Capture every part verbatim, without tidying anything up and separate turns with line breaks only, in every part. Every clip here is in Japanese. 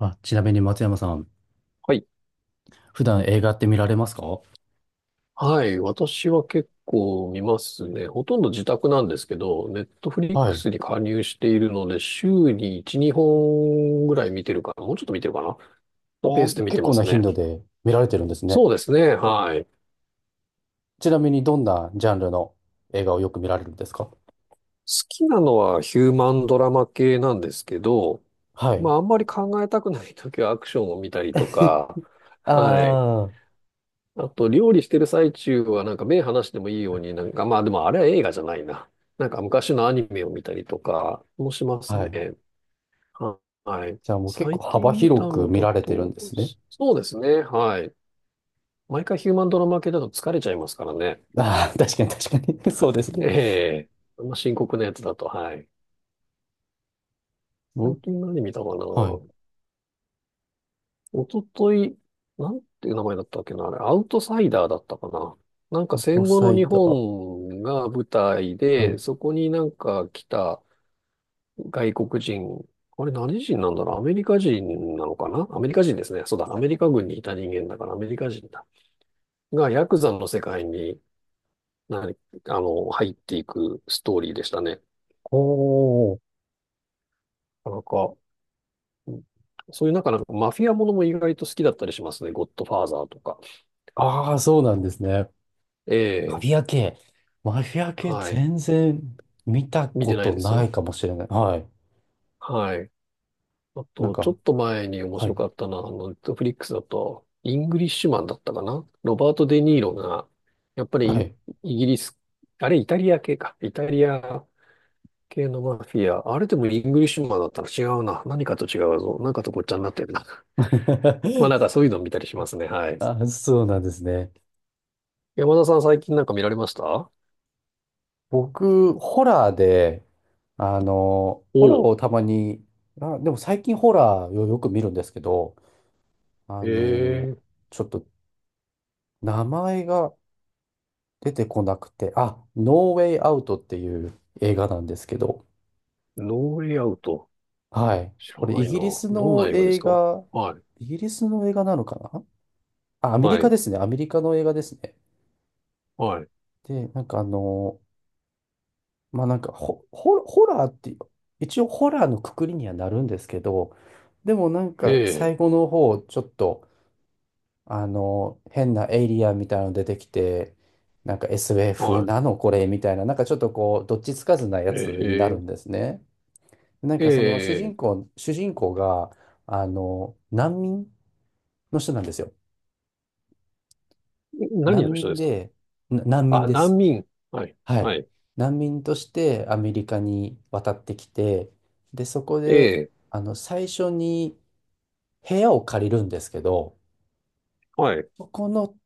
あ、ちなみに松山さん、
はい。
普段映画って見られますか？
はい。私は結構見ますね。ほとんど自宅なんですけど、ネットフリッ
は
ク
い。
スに加入しているので、週にいち、にほんぐらい見てるかな。もうちょっと見てるかな。のペー
あ、
スで見
結
てま
構な
す
頻
ね。
度で見られてるんですね。
そうですね。はい。好
ちなみにどんなジャンルの映画をよく見られるんですか？
きなのはヒューマンドラマ系なんですけど、
はい。
まあ、あんまり考えたくないときはアクションを見たりとか、はい。
あ
あと、料理してる最中は、なんか目離してもいいように、なんか、まあでもあれは映画じゃないな。なんか昔のアニメを見たりとかもしま
あ。
す
は
ね。
い。
ははい。
じゃあもう結
最
構幅
近見た
広く
の
見
だ
られてるん
と、
ですね。
そうですね。はい。毎回ヒューマンドラマ系だと疲れちゃいますからね。
ああ、確かに確かに。そうですね。
ええ、あんま深刻なやつだと、はい。最
僕
近何見たかな。
はい。
おととい、なんていう名前だったっけな、あれ、アウトサイダーだったかな。なんか
と
戦後の
最
日
多。
本が舞台
は
で、
い。
そこになんか来た外国人、あれ何人なんだろう、アメリカ人なのかな、アメリカ人ですね。そうだ、アメリカ軍にいた人間だからアメリカ人だ。が、ヤクザの世界に、なに、あの、入っていくストーリーでしたね。
おー。
なんか、うん、そういうなんか、なんかマフィアものも意外と好きだったりしますね。ゴッドファーザーとか。
ああ、そうなんですね。
え
マフ
え、
ィア系。マフィア系
はい。
全然見た
見
こ
てない
と
で
な
す。
いかもしれない。はい。
はい。あ
なん
と、ちょ
か、
っと前に面
は
白
い。
かったのは、あの、ネットフリックスだと、イングリッシュマンだったかな、ロバート・デ・ニーロが、やっぱり
は
イ、
い。
イギリス、あれ、イタリア系か。イタリア系のマフィア。あれでもイングリッシュマンだったら違うな。何かと違うぞ。なんかとごっちゃになってるな。まあなん かそういうの見たりしますね。はい。
あ、そうなんですね。
山田さん最近なんか見られました？
僕、ホラーで、あの、ホラー
おう。
をたまに、あ、でも最近ホラーをよく見るんですけど、あ
え
の、
ー、
ちょっと名前が出てこなくて、あ、ノーウェイアウトっていう映画なんですけど、
ノーウェイアウト。
はい。
知
こ
ら
れイ
ないな。
ギリス
どん
の
な映画です
映
か？
画、
はい。
イギリスの映画なのかな。あ、アメリ
は
カ
い。
ですね。アメリカの映画ですね。
はい。
で、なんかあの、まあなんかホ、ホホラーっていう、一応ホラーのくくりにはなるんですけど、でもなん
え
か
え。
最後の方、ちょっと、あの、変なエイリアンみたいなの出てきて、なんか エスエフ
はい。
なのこれみたいな、なんかちょっとこう、どっちつかずなや
え
つになる
え、
んですね。なん
え
かその主
え、
人公、主人公が、あの、難民の人なんですよ。
何
難
の人
民
ですか？
で、な難民
あ、
で
難
す。
民。はい、
は
は
い。
い。
難民としてアメリカに渡ってきて、で、そこ
え
で、
え、
あの、最初に部屋を借りるんですけど、
はい、
そこの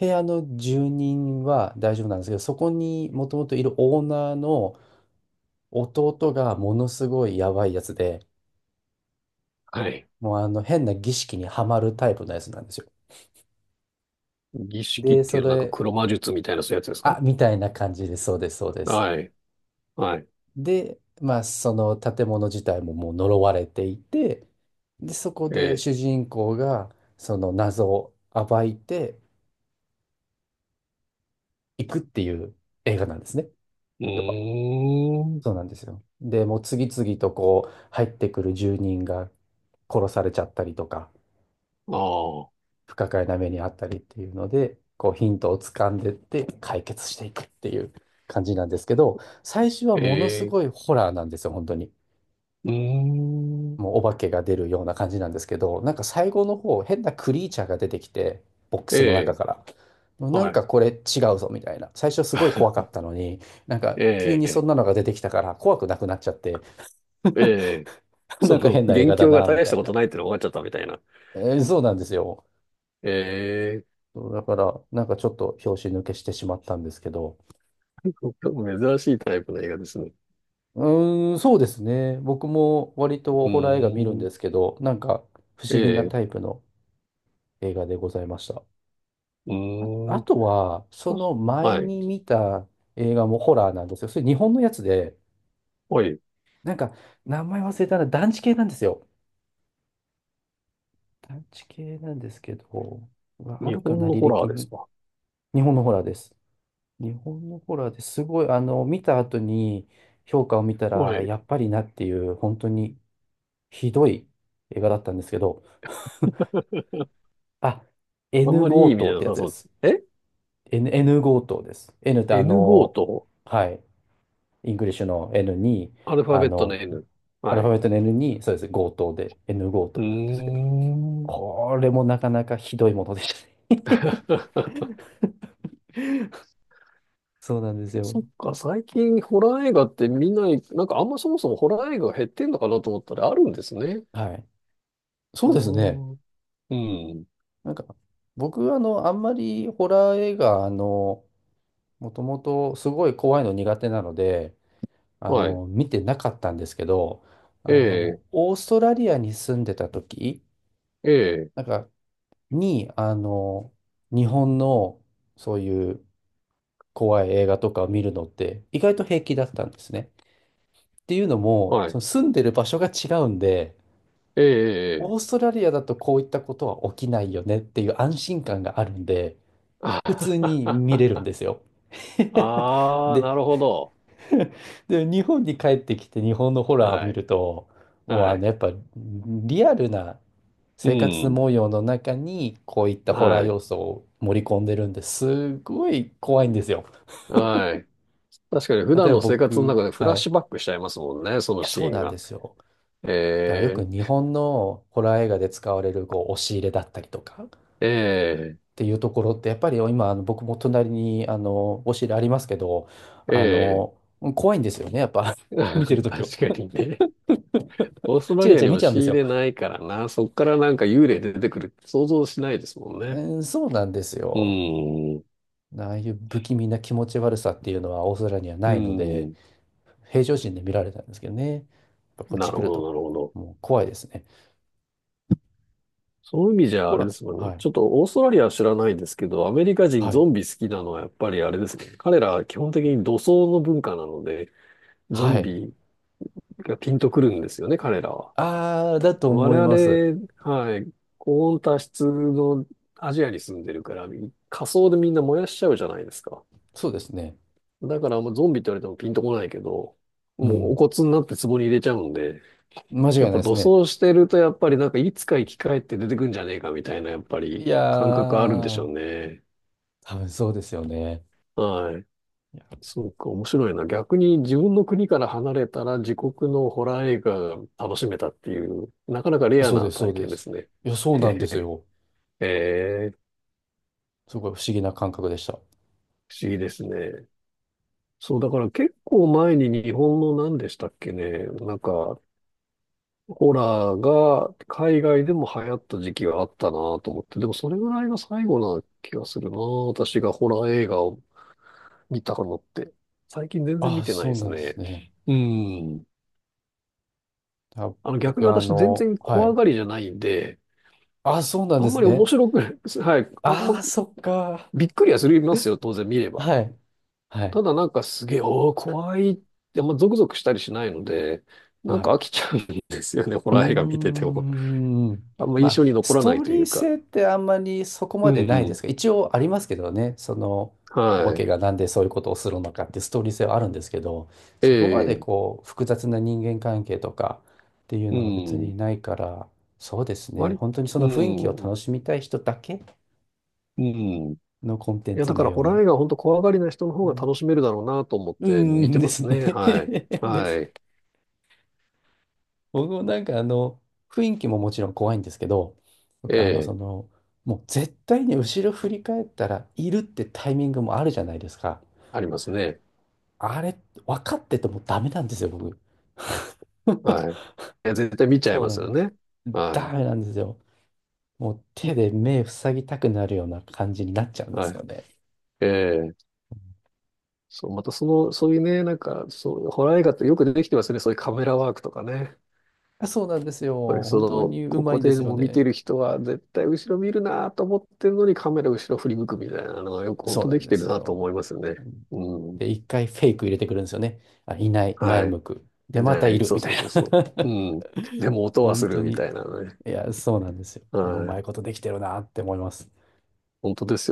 部屋の住人は大丈夫なんですけど、そこにもともといるオーナーの弟がものすごいやばいやつで、
はい。
もうあの変な儀式にはまるタイプのやつなんですよ。
儀式っ
で、
て
そ
いうなんか
れ、
黒魔術みたいなそういうやつです
あ、
か？
みたいな感じで、そうです、そうです。
はい、はい。
で、まあ、その建物自体ももう呪われていて、で、そこ
え
で
え、
主人公がその謎を暴いていくっていう映画なんですね。
う
要は。
ーん。
そうなんですよ。で、もう次々とこう入ってくる住人が殺されちゃったりとか、
ああ、
不可解な目にあったりっていうので、こうヒントを掴んでって解決していくっていう感じなんですけど、最初は
え
ものす
え、
ごいホラーなんですよ、本当に。
うーん。
もうお化けが出るような感じなんですけど、なんか最後の方、変なクリーチャーが出てきて、ボック
え
スの中
え、
から。なん
は
か
い。
これ違うぞみたいな。最初すごい怖かったのに、なんか急
え
にそん
え、
なのが出てきたから怖くなくなっちゃって、
ええ、
な
そ
んか
の、
変な映
元
画だ
凶が
な、み
大
た
した
い
こ
な。
とないってのが分かっちゃったみたいな。
えーそうなんですよ。
ええ、
そうだから、なんかちょっと拍子抜けしてしまったんですけど。
珍しいタイプの映画ですね。
うーん、そうですね。僕も割と
う
ホラー映画見るん
ー
で
ん。
すけど、なんか不
え
思議な
え、
タイプの映画でございました。
うー
あ
ん。
とは、そ
確
の
か
前
はい。
に見た映画もホラーなんですよ。それ日本のやつで、
はい。
なんか、名前忘れたな、団地系なんですよ。団地系なんですけど、うわあ
日
るか
本
な、
の
履
ホラー
歴
です
に。
か？
日本のホラーです。日本のホラーで、すごい、あの、見た後に評価を見た
は
ら、
い。
やっぱりなっていう、本当にひどい映画だったんですけど、あ、
あん
N
まりい
強
い意味じ
盗
ゃ
っ
な
てや
さ
つで
そうで
す。
す。え
N、N 強盗です。N ってあ
?エヌご
の、
と、
はい。イングリッシュの N に、
アルファ
あ
ベットの
の、
N。
アル
は
ファベ
い。
ットの N に、そうです、強盗で、N 強
う
盗なんですけど、
ーん。
これもなかなかひどいものでしたね。 そうなんですよ。
そっか、最近ホラー映画って見ない、なんかあんまそもそもホラー映画が減ってんのかなと思ったらあるんですね。
はい。そ
あ
うですね。
あ、うん。
なんか、僕、あの、あんまりホラー映画、あの、もともとすごい怖いの苦手なので、あ
はい。
の、見てなかったんですけど、あ
ええ、
の、オーストラリアに住んでた時、
ええ、
なんか、に、あの、日本の、そういう怖い映画とかを見るのって意外と平気だったんですね。っていうのも、
は
そ
い。
の住んでる場所が違うんで、
ええ、ええ。
オーストラリアだとこういったことは起きないよねっていう安心感があるんで、
あ
普通
は
に見
は
れるんですよ。
はあー、
で、
なるほど。
で、日本に帰ってきて日本のホラーを
は
見
い。
ると、もうあ
は
の
い。
やっぱリアルな
う
生活
ん。
模様の中にこういったホラー
はい。
要素を盛り込んでるんですごい怖いんですよ。
はい。確かに普
例
段
えば
の生活の
僕、
中でフラ
は
ッ
い。い
シュバックしちゃいますもんね、その
や、
シ
そう
ーン
なんで
が。
すよ。だからよく
え
日本のホラー映画で使われるこう押し入れだったりとかっ
ー、え
ていうところってやっぱり今あの僕も隣にあの押し入れありますけど
ー、
あ
え
の怖いんですよねやっぱ。 見てる
ー、
ときは。
確かにね。オーストラ
チラ
リア
チ
に
ラ見
押
ちゃう
し
んです
入
よ。
れないからな、そっからなんか幽霊出てくるって想像しないですもん
え
ね。
ーそうなんです
う
よ。
ーん、う
ああいう不気味な気持ち悪さっていうのはオーストラリアには
ー
ないので
ん、
平常心で見られたんですけどね。やっぱこっ
な
ち
る
来る
ほど、
と
なるほど。
もう怖いですね。
そういう意味じゃ
ほ
あれで
ら、
すもんね。
はい、
ちょっとオーストラリアは知らないですけど、アメリカ人
は
ゾ
い、
ンビ好きなのはやっぱりあれですね。彼らは基本的に土葬の文化なので、ゾ
は
ン
い。
ビがピンとくるんですよね、彼らは。
ああ、だと
我
思います。
々、はい、高温多湿のアジアに住んでるから、火葬でみんな燃やしちゃうじゃないですか。
そうですね。
だから、もうゾンビって言われてもピンとこないけど、
う
もうお
ん。
骨になって壺に入れちゃうんで、
間違い
や
な
っ
い
ぱ
です
土
ね。
葬してると、やっぱりなんかいつか生き返って出てくんじゃねえかみたいな、やっぱ
い
り
や
感覚あるんでし
ー、
ょうね。
多分そうですよね。
はい。
い
そうか、面白いな。逆に自分の国から離れたら自国のホラー映画が楽しめたっていう、なかなかレ
や
ア
そうで
な
す、そ
体
うで
験で
す。
すね。
いや、そうなんですよ。
ええ、
すごい不思議な感覚でした。
不思議ですね。そう、だから結構前に日本の何でしたっけね、なんか、ホラーが海外でも流行った時期があったなと思って、でもそれぐらいが最後な気がするな、私がホラー映画を見たのって。最近全然見
あ、
てない
そ
で
う
す
なんです
ね。
ね。
うん。
あ、
あの、逆に
僕、あ
私全
の、
然
は
怖
い。
がりじゃないんで、
あ、そうなん
あ
で
ん
す
まり面
ね。
白くない。はい。あん
あ
ま
ー、そっか。
びっくりはするますよ、当然見れば。
はい。はい。
ただなんかすげえ、おー、怖いって、あんまゾクゾクしたりしないので、な
は
んか
い。
飽きちゃうんですよね、ホ
う
ラー映画見て
ー
ても。
ん。
あんま
ま
印
あ、
象に残
ス
ら
ト
ない
ー
とい
リー
うか。
性ってあんまりそこ
う
までないで
ん、
すが、一応ありますけどね、その、お
は
化け
い。
がなんでそういうことをするのかってストーリー性はあるんですけど、
え
そこまで
え、
こう、複雑な人間関係とかっていう
う
のは別
ん。
にないから、そうですね、
割、
本当にそ
う
の雰囲気を
ん、
楽しみたい人だけ
うん。い
のコンテン
や、だ
ツ
か
な
ら
よ
ホ
う
ラー
な、
映画は本当怖がりな人の方
う
が
ん、
楽しめるだろうなと思っ
う
て
ー
見
ん
て
で
ます
すね。
ね。はい。
で
は
す。
い。
僕もなんかあの、雰囲気ももちろん怖いんですけど、
え
僕はあの、そ
え、
の、もう絶対に後ろ振り返ったらいるってタイミングもあるじゃないですか。
ありますね。
あれ、分かっててもダメなんですよ、僕。
はい。い や、絶対見ちゃい
そう
ま
な
す
ん
よ
です。
ね。
ダ
は
メなんですよ。もう手で目塞ぎたくなるような感じになっちゃうん
い。
です
はい。
よね。
ええ、そう、またその、そういうね、なんか、そう、ホラー映画ってよくできてますよね。そういうカメラワークとかね。やっ
そうなんですよ。
ぱりそ
本当
の、
にう
こ
ま
こ
いんで
で
すよ
も見
ね。
てる人は絶対後ろ見るなと思ってるのにカメラ後ろ振り向くみたいなのがよく本
そ
当
うな
で
ん
き
で
てる
す
なと
よ。
思いますよね。うん。
で、一回フェイク入れてくるんですよね。あ、いない、前
は
向く。
い。い
で、ま
な
たい
い。
る、
そう
みた
そう
い
そうそう。
な。
うん。でも音は
本
す
当
るみた
に。
いなね。
いや、そうなんですよ。
は
もううまい
い。
ことできてるなって思います。
本当ですよ